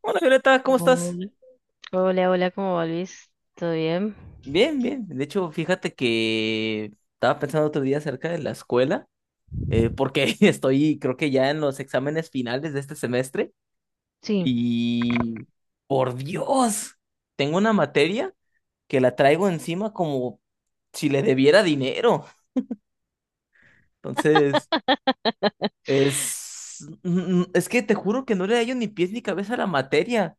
Hola Violeta, ¿cómo estás? Hola, hola, ¿cómo va Luis? ¿Todo bien? Bien, bien. De hecho, fíjate que estaba pensando otro día acerca de la escuela, porque estoy, creo que ya en los exámenes finales de este semestre Sí, y, por Dios, tengo una materia que la traigo encima como si le debiera dinero. Entonces, es que te juro que no le hallo ni pies ni cabeza a la materia.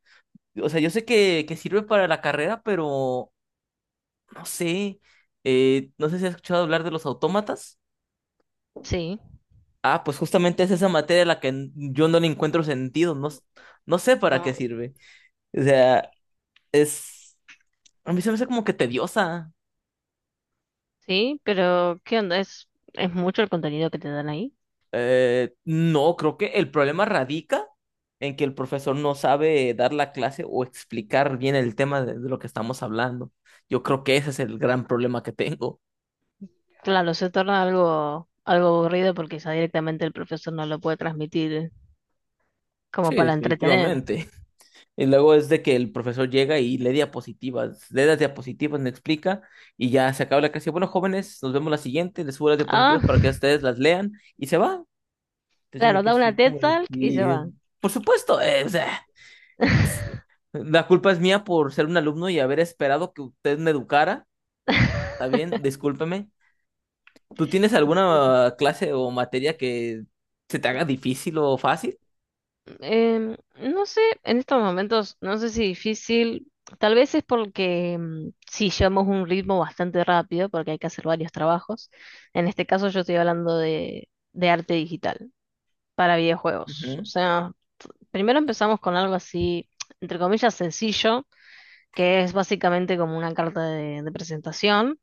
O sea, yo sé que sirve para la carrera, pero no sé, no sé si has escuchado hablar de los autómatas. sí, Ah, pues justamente es esa materia a la que yo no le encuentro sentido, no, no sé para qué ah, sirve. O sea, es, a mí se me hace como que tediosa. sí, pero ¿qué onda? ¿Es mucho el contenido que te dan ahí? No, creo que el problema radica en que el profesor no sabe dar la clase o explicar bien el tema de lo que estamos hablando. Yo creo que ese es el gran problema que tengo. Claro, se torna algo aburrido porque ya directamente el profesor no lo puede transmitir como Sí, para entretener. definitivamente. Y luego es de que el profesor llega y lee diapositivas, lee las diapositivas, me explica y ya se acaba la clase. Bueno, jóvenes, nos vemos la siguiente, les subo las Ah, diapositivas para que ustedes las lean y se va. Entonces yo me claro, quedé da una así TED como de Talk y se que, va. por supuesto, o sea, es- la culpa es mía por ser un alumno y haber esperado que usted me educara, ¿está bien? Discúlpeme. ¿Tú tienes alguna clase o materia que se te haga difícil o fácil? No sé, en estos momentos, no sé si difícil, tal vez es porque sí llevamos un ritmo bastante rápido, porque hay que hacer varios trabajos. En este caso yo estoy hablando de arte digital para videojuegos. O Ujú. sea, primero empezamos con algo así, entre comillas, sencillo, que es básicamente como una carta de presentación,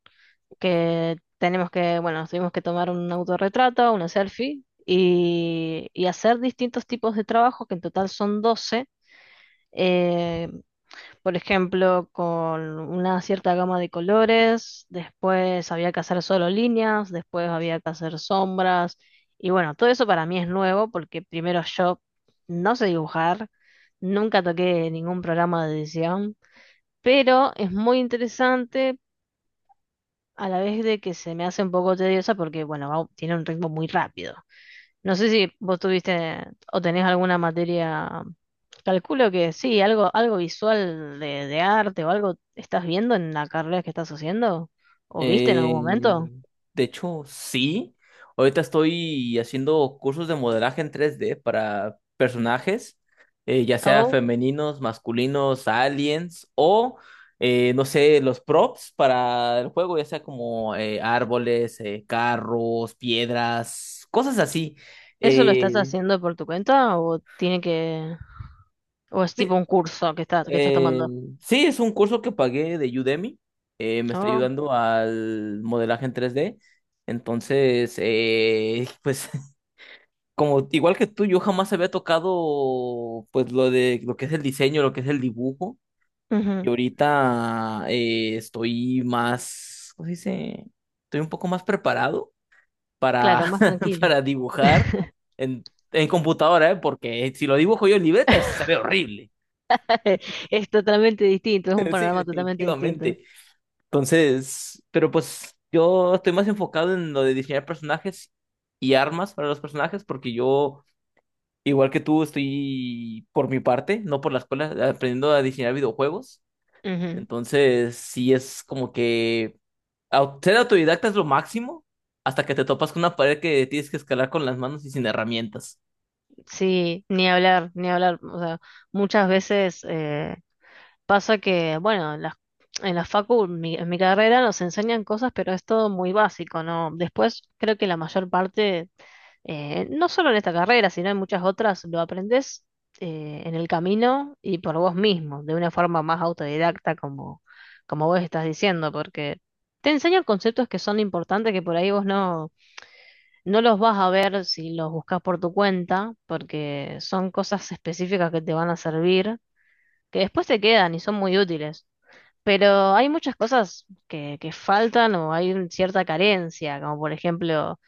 que tenemos que, bueno, nos tuvimos que tomar un autorretrato, una selfie. Y hacer distintos tipos de trabajos, que en total son 12 eh, por ejemplo, con una cierta gama de colores, después había que hacer solo líneas, después había que hacer sombras, y bueno, todo eso para mí es nuevo porque primero yo no sé dibujar, nunca toqué ningún programa de edición, pero es muy interesante a la vez de que se me hace un poco tediosa porque, bueno, tiene un ritmo muy rápido. No sé si vos tuviste o tenés alguna materia, calculo que sí, algo visual de arte o algo estás viendo en la carrera que estás haciendo o viste en algún momento. Eh, de hecho, sí. Ahorita estoy haciendo cursos de modelaje en tres d para personajes, ya sea ¿O femeninos, masculinos, aliens o, no sé, los props para el juego, ya sea como árboles, carros, piedras, cosas así. eso lo estás Eh, haciendo por tu cuenta o tiene que, o es tipo un curso que estás Eh, tomando? sí, es un curso que pagué de Udemy. Me está Oh, ayudando al modelaje en 3D. Entonces, pues, como igual que tú, yo jamás había tocado pues lo de lo que es el diseño, lo que es el dibujo. Y ujú. ahorita estoy más, ¿cómo se dice? Estoy un poco más preparado Claro, para, más tranquilo. para dibujar en, en computadora, ¿eh? Porque si lo dibujo yo en libreta, se ve horrible. Es totalmente distinto, es un Sí, panorama totalmente distinto. definitivamente. Entonces, pero pues yo estoy más enfocado en lo de diseñar personajes y armas para los personajes, porque yo, igual que tú, estoy por mi parte, no por la escuela, aprendiendo a diseñar videojuegos. Ujú. Entonces, sí es como que ser autodidacta es lo máximo hasta que te topas con una pared que tienes que escalar con las manos y sin herramientas. Sí, ni hablar, ni hablar. O sea, muchas veces... pasa que, bueno, en la facu, en mi carrera nos enseñan cosas, pero es todo muy básico, ¿no? Después creo que la mayor parte, no solo en esta carrera, sino en muchas otras, lo aprendes en el camino y por vos mismo, de una forma más autodidacta, como, como vos estás diciendo, porque te enseñan conceptos que son importantes que por ahí vos no, no los vas a ver si los buscas por tu cuenta, porque son cosas específicas que te van a servir, que después te quedan y son muy útiles. Pero hay muchas cosas que faltan o hay cierta carencia, como por ejemplo,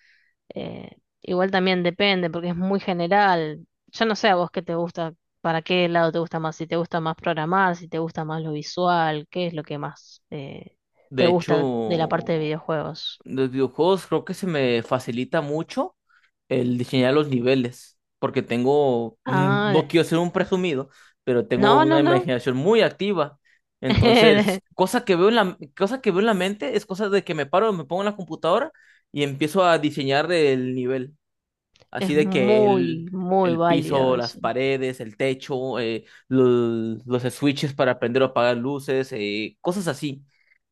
eh, igual también depende porque es muy general. Yo no sé a vos qué te gusta, para qué lado te gusta más, si te gusta más programar, si te gusta más lo visual, qué es lo que más te De hecho, gusta de la parte de videojuegos. los videojuegos creo que se me facilita mucho el diseñar los niveles, porque tengo, mm, Ah, no quiero ser un presumido, pero tengo no, no, una no. imaginación muy activa. Entonces, cosa que veo en la mente es cosa de que me paro, me pongo en la computadora y empiezo a diseñar el nivel. Es Así de muy, muy el válido piso, las eso. paredes, el techo, switches para prender o apagar luces, cosas así.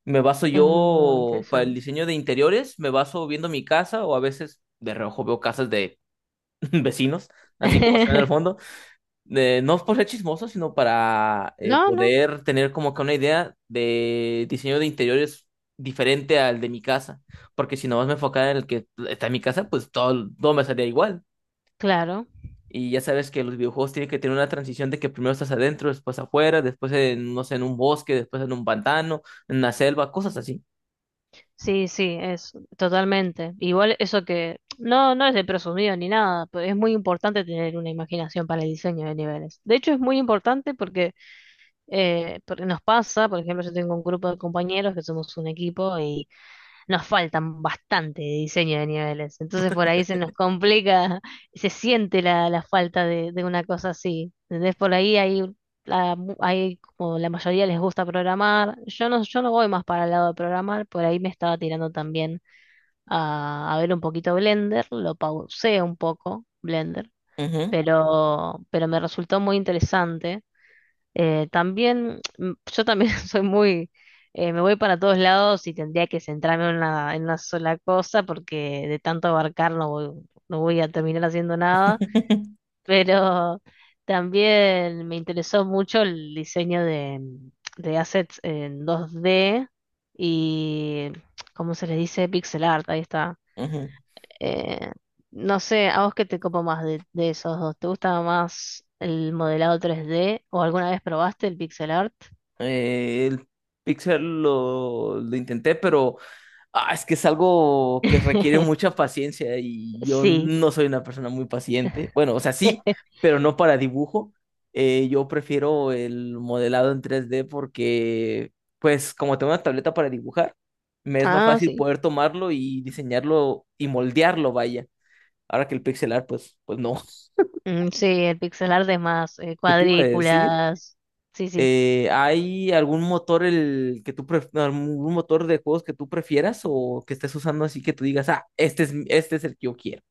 Me baso Es muy yo para el interesante. diseño de interiores, me baso viendo mi casa o a veces de reojo veo casas de vecinos, así como se ven al fondo. No es por ser chismoso, sino para No, no, poder tener como que una idea de diseño de interiores diferente al de mi casa. Porque si nomás me enfocara en el que está en mi casa, pues todo me salía igual. claro. Y ya sabes que los videojuegos tienen que tener una transición de que primero estás adentro, después afuera, después en, no sé, en un bosque, después en un pantano, en una selva, cosas así. Sí, sí, es totalmente. Igual eso que no, no es de presumido ni nada, pero es muy importante tener una imaginación para el diseño de niveles. De hecho, es muy importante porque, porque nos pasa, por ejemplo, yo tengo un grupo de compañeros que somos un equipo, nos faltan bastante de diseño de niveles. Entonces por ahí se nos complica, se siente la falta de una cosa así. Entonces por ahí hay, la, hay como la mayoría les gusta programar. Yo no, yo no voy más para el lado de programar, por ahí me estaba tirando también a ver un poquito Blender, lo pausé un poco, Blender, Ujú, pero me resultó muy interesante. También, yo también soy muy, me voy para todos lados y tendría que centrarme en una sola cosa porque de tanto abarcar no voy a terminar haciendo nada, pero también me interesó mucho el diseño de assets en 2D y, ¿cómo se les dice? Pixel art, ahí está. ujú. Eh, no sé, ¿a vos qué te copa más de esos dos? ¿Te gusta más el modelado 3D o alguna vez probaste el pixel art? El Pixel lo intenté, pero ah, es que es algo que requiere mucha paciencia y yo Sí. no soy una persona muy paciente. Bueno, o sea, sí, pero no para dibujo. Yo prefiero el modelado en tres d porque, pues, como tengo una tableta para dibujar, me es más Ah, fácil sí. poder tomarlo y diseñarlo y moldearlo, vaya. Ahora que el pixelar, pues, pues no. Mm, sí, el pixel art es más ¿Qué te iba a decir? cuadrículas. Sí, sí. ¿Hay algún motor el que algún motor de juegos que tú prefieras o que estés usando así que tú digas, ah, este es el que yo quiero?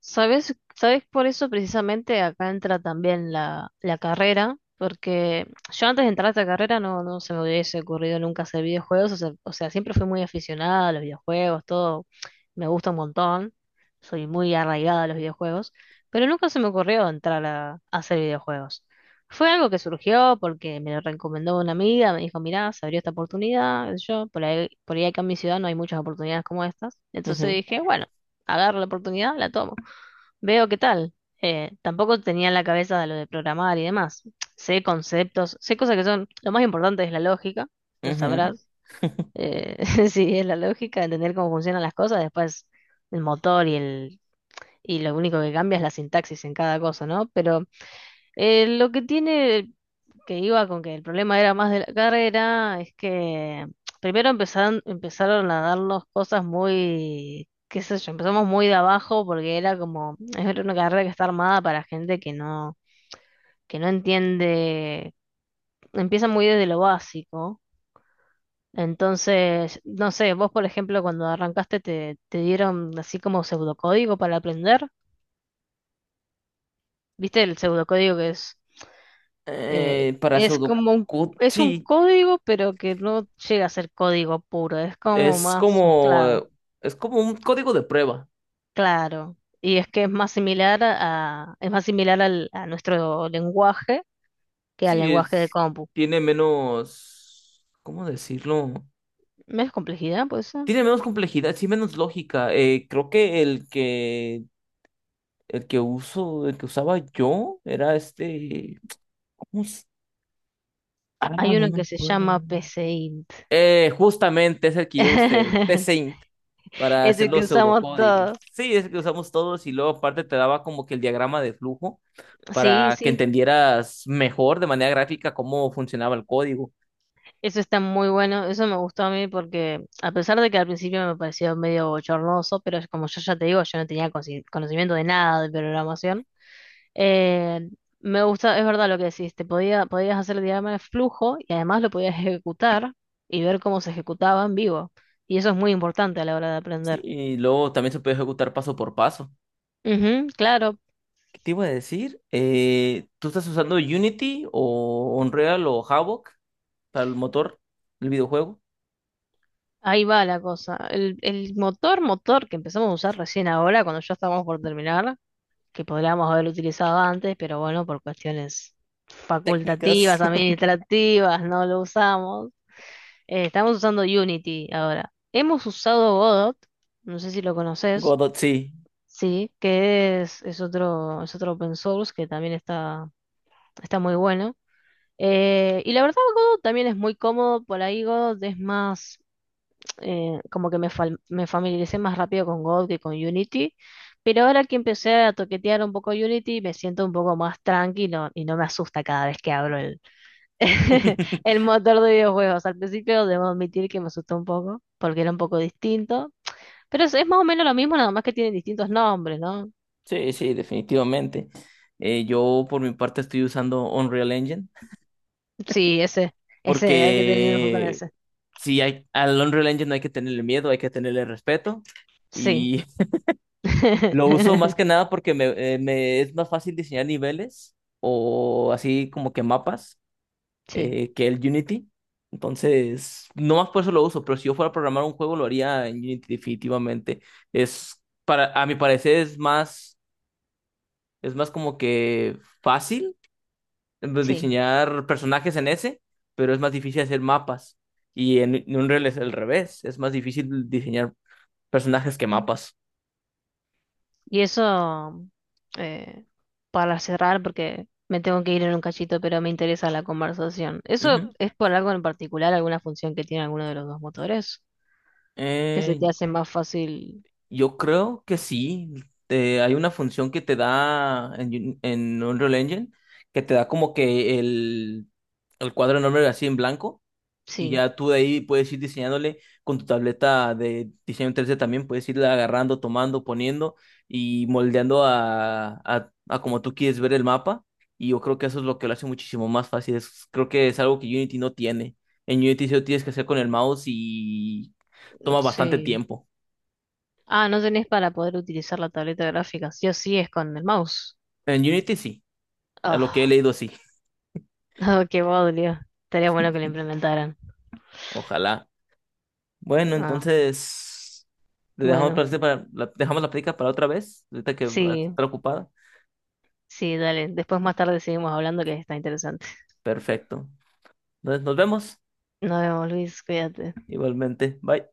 ¿Sabes? ¿Sabes? Por eso precisamente acá entra también la carrera, porque yo antes de entrar a esta carrera no, no se me hubiese ocurrido nunca hacer videojuegos, o sea, siempre fui muy aficionada a los videojuegos, todo me gusta un montón, soy muy arraigada a los videojuegos, pero nunca se me ocurrió entrar a hacer videojuegos. Fue algo que surgió porque me lo recomendó una amiga, me dijo, mirá, se abrió esta oportunidad, qué sé yo por ahí acá en mi ciudad no hay muchas oportunidades como estas, entonces Ujú, dije, bueno, agarro la oportunidad, la tomo. Veo qué tal. Tampoco tenía en la cabeza lo de programar y demás. Sé conceptos, sé cosas que son... Lo más importante es la lógica, lo ujú. sabrás. Eh, sí, es la lógica, entender cómo funcionan las cosas, después el motor y el... Y lo único que cambia es la sintaxis en cada cosa, ¿no? Pero lo que tiene que iba con que el problema era más de la carrera, es que primero empezaron a darnos cosas muy, qué sé yo, empezamos muy de abajo porque era como, es una carrera que está armada para gente que no entiende, empieza muy desde lo básico. Entonces, no sé, vos por ejemplo cuando arrancaste te dieron así como pseudocódigo para aprender, ¿viste el pseudocódigo que Para es como pseudocode, es un sí, código, pero que no llega a ser código puro, es como es más como, eh, mezclado. es como un código de prueba. Claro. Y es que es más similar a, es más similar a nuestro lenguaje que al Sí, lenguaje de es, compu. tiene menos, ¿cómo decirlo? Menos complejidad, puede ser. Tiene menos complejidad, sí, menos lógica. Creo que el que uso, el que usaba yo era este, ¿cómo se-? Ah, no Hay uno me que se llama acuerdo. PCInt. Justamente es el que yo usé, para hacer Ese que los usamos pseudocódigos. todos. Sí, es que usamos todos y luego aparte te daba como que el diagrama de flujo Sí, para que sí. entendieras mejor de manera gráfica cómo funcionaba el código. Eso está muy bueno, eso me gustó a mí porque a pesar de que al principio me pareció medio bochornoso, pero es como yo ya te digo, yo no tenía conocimiento de nada de programación, eh, me gusta, es verdad lo que decís, te podía, podías hacer el diagrama de flujo y además lo podías ejecutar y ver cómo se ejecutaba en vivo. Y eso es muy importante a la hora de Sí, aprender. y luego también se puede ejecutar paso por paso. Ujú, claro, ¿Qué te iba a decir? ¿Tú estás usando Unity o Unreal o Havok para el motor, el videojuego? ahí va la cosa. El motor, motor que empezamos a usar recién ahora, cuando ya estábamos por terminar. Que podríamos haber utilizado antes, pero bueno, por cuestiones Técnicas. facultativas, administrativas, no lo usamos. Estamos usando Unity ahora. Hemos usado Godot, no sé si lo conoces, Godot, sí. sí, que es otro open source que también está, está muy bueno. Y la verdad, Godot también es muy cómodo, por ahí Godot es más como que me, me familiaricé más rápido con God que con Unity, pero ahora que empecé a toquetear un poco Unity, me siento un poco más tranquilo y no me asusta cada vez que abro el, el motor de videojuegos. Al principio debo admitir que me asustó un poco, porque era un poco distinto, pero es más o menos lo mismo, nada más que tienen distintos nombres, ¿no? Sí, sí, definitivamente. Yo por mi parte estoy usando Unreal Engine Sí, ese, hay que tener ojo con porque ese. sí, hay, al Unreal Engine no hay que tenerle miedo, hay que tenerle respeto. Sí. Y lo uso más que nada porque me es más fácil diseñar niveles o así como que mapas Sí, que el Unity. Entonces, no más por eso lo uso, pero si yo fuera a programar un juego lo haría en Unity definitivamente. Es a mi parecer es más como que fácil sí. diseñar personajes en ese, pero es más difícil hacer mapas. Y en Unreal es al revés, es más difícil diseñar personajes que mapas. Y eso, eh, para cerrar, porque me tengo que ir en un cachito, pero me interesa la conversación. ¿Eso Ujú. es por algo en particular, alguna función que tiene alguno de los dos motores? Que se Eh, te hace más fácil. yo creo que sí. Hay una función que te da en Unreal Engine que te da como que el cuadro enorme así en blanco. Y Sí, ya tú de ahí puedes ir diseñándole con tu tableta de diseño 3D también, puedes irla agarrando, tomando, poniendo y moldeando a como tú quieres ver el mapa. Y yo creo que eso es lo que lo hace muchísimo más fácil. Es, creo que es algo que Unity no tiene. En Unity sí lo tienes que hacer con el mouse y toma bastante sí. tiempo. Ah, no tenés para poder utilizar la tableta gráfica. Sí o sí es con el mouse. En Unity sí, a lo que he Ah, leído sí. qué bodrio. Estaría bueno que lo implementaran. Ojalá. Bueno, Ah, entonces le dejamos, bueno, dejamos la plática para otra vez, ahorita que va a sí, estar ocupada. sí, dale. Después más tarde seguimos hablando que está interesante. Perfecto. Entonces, nos vemos. Nos vemos, Luis, cuídate. Igualmente. Bye.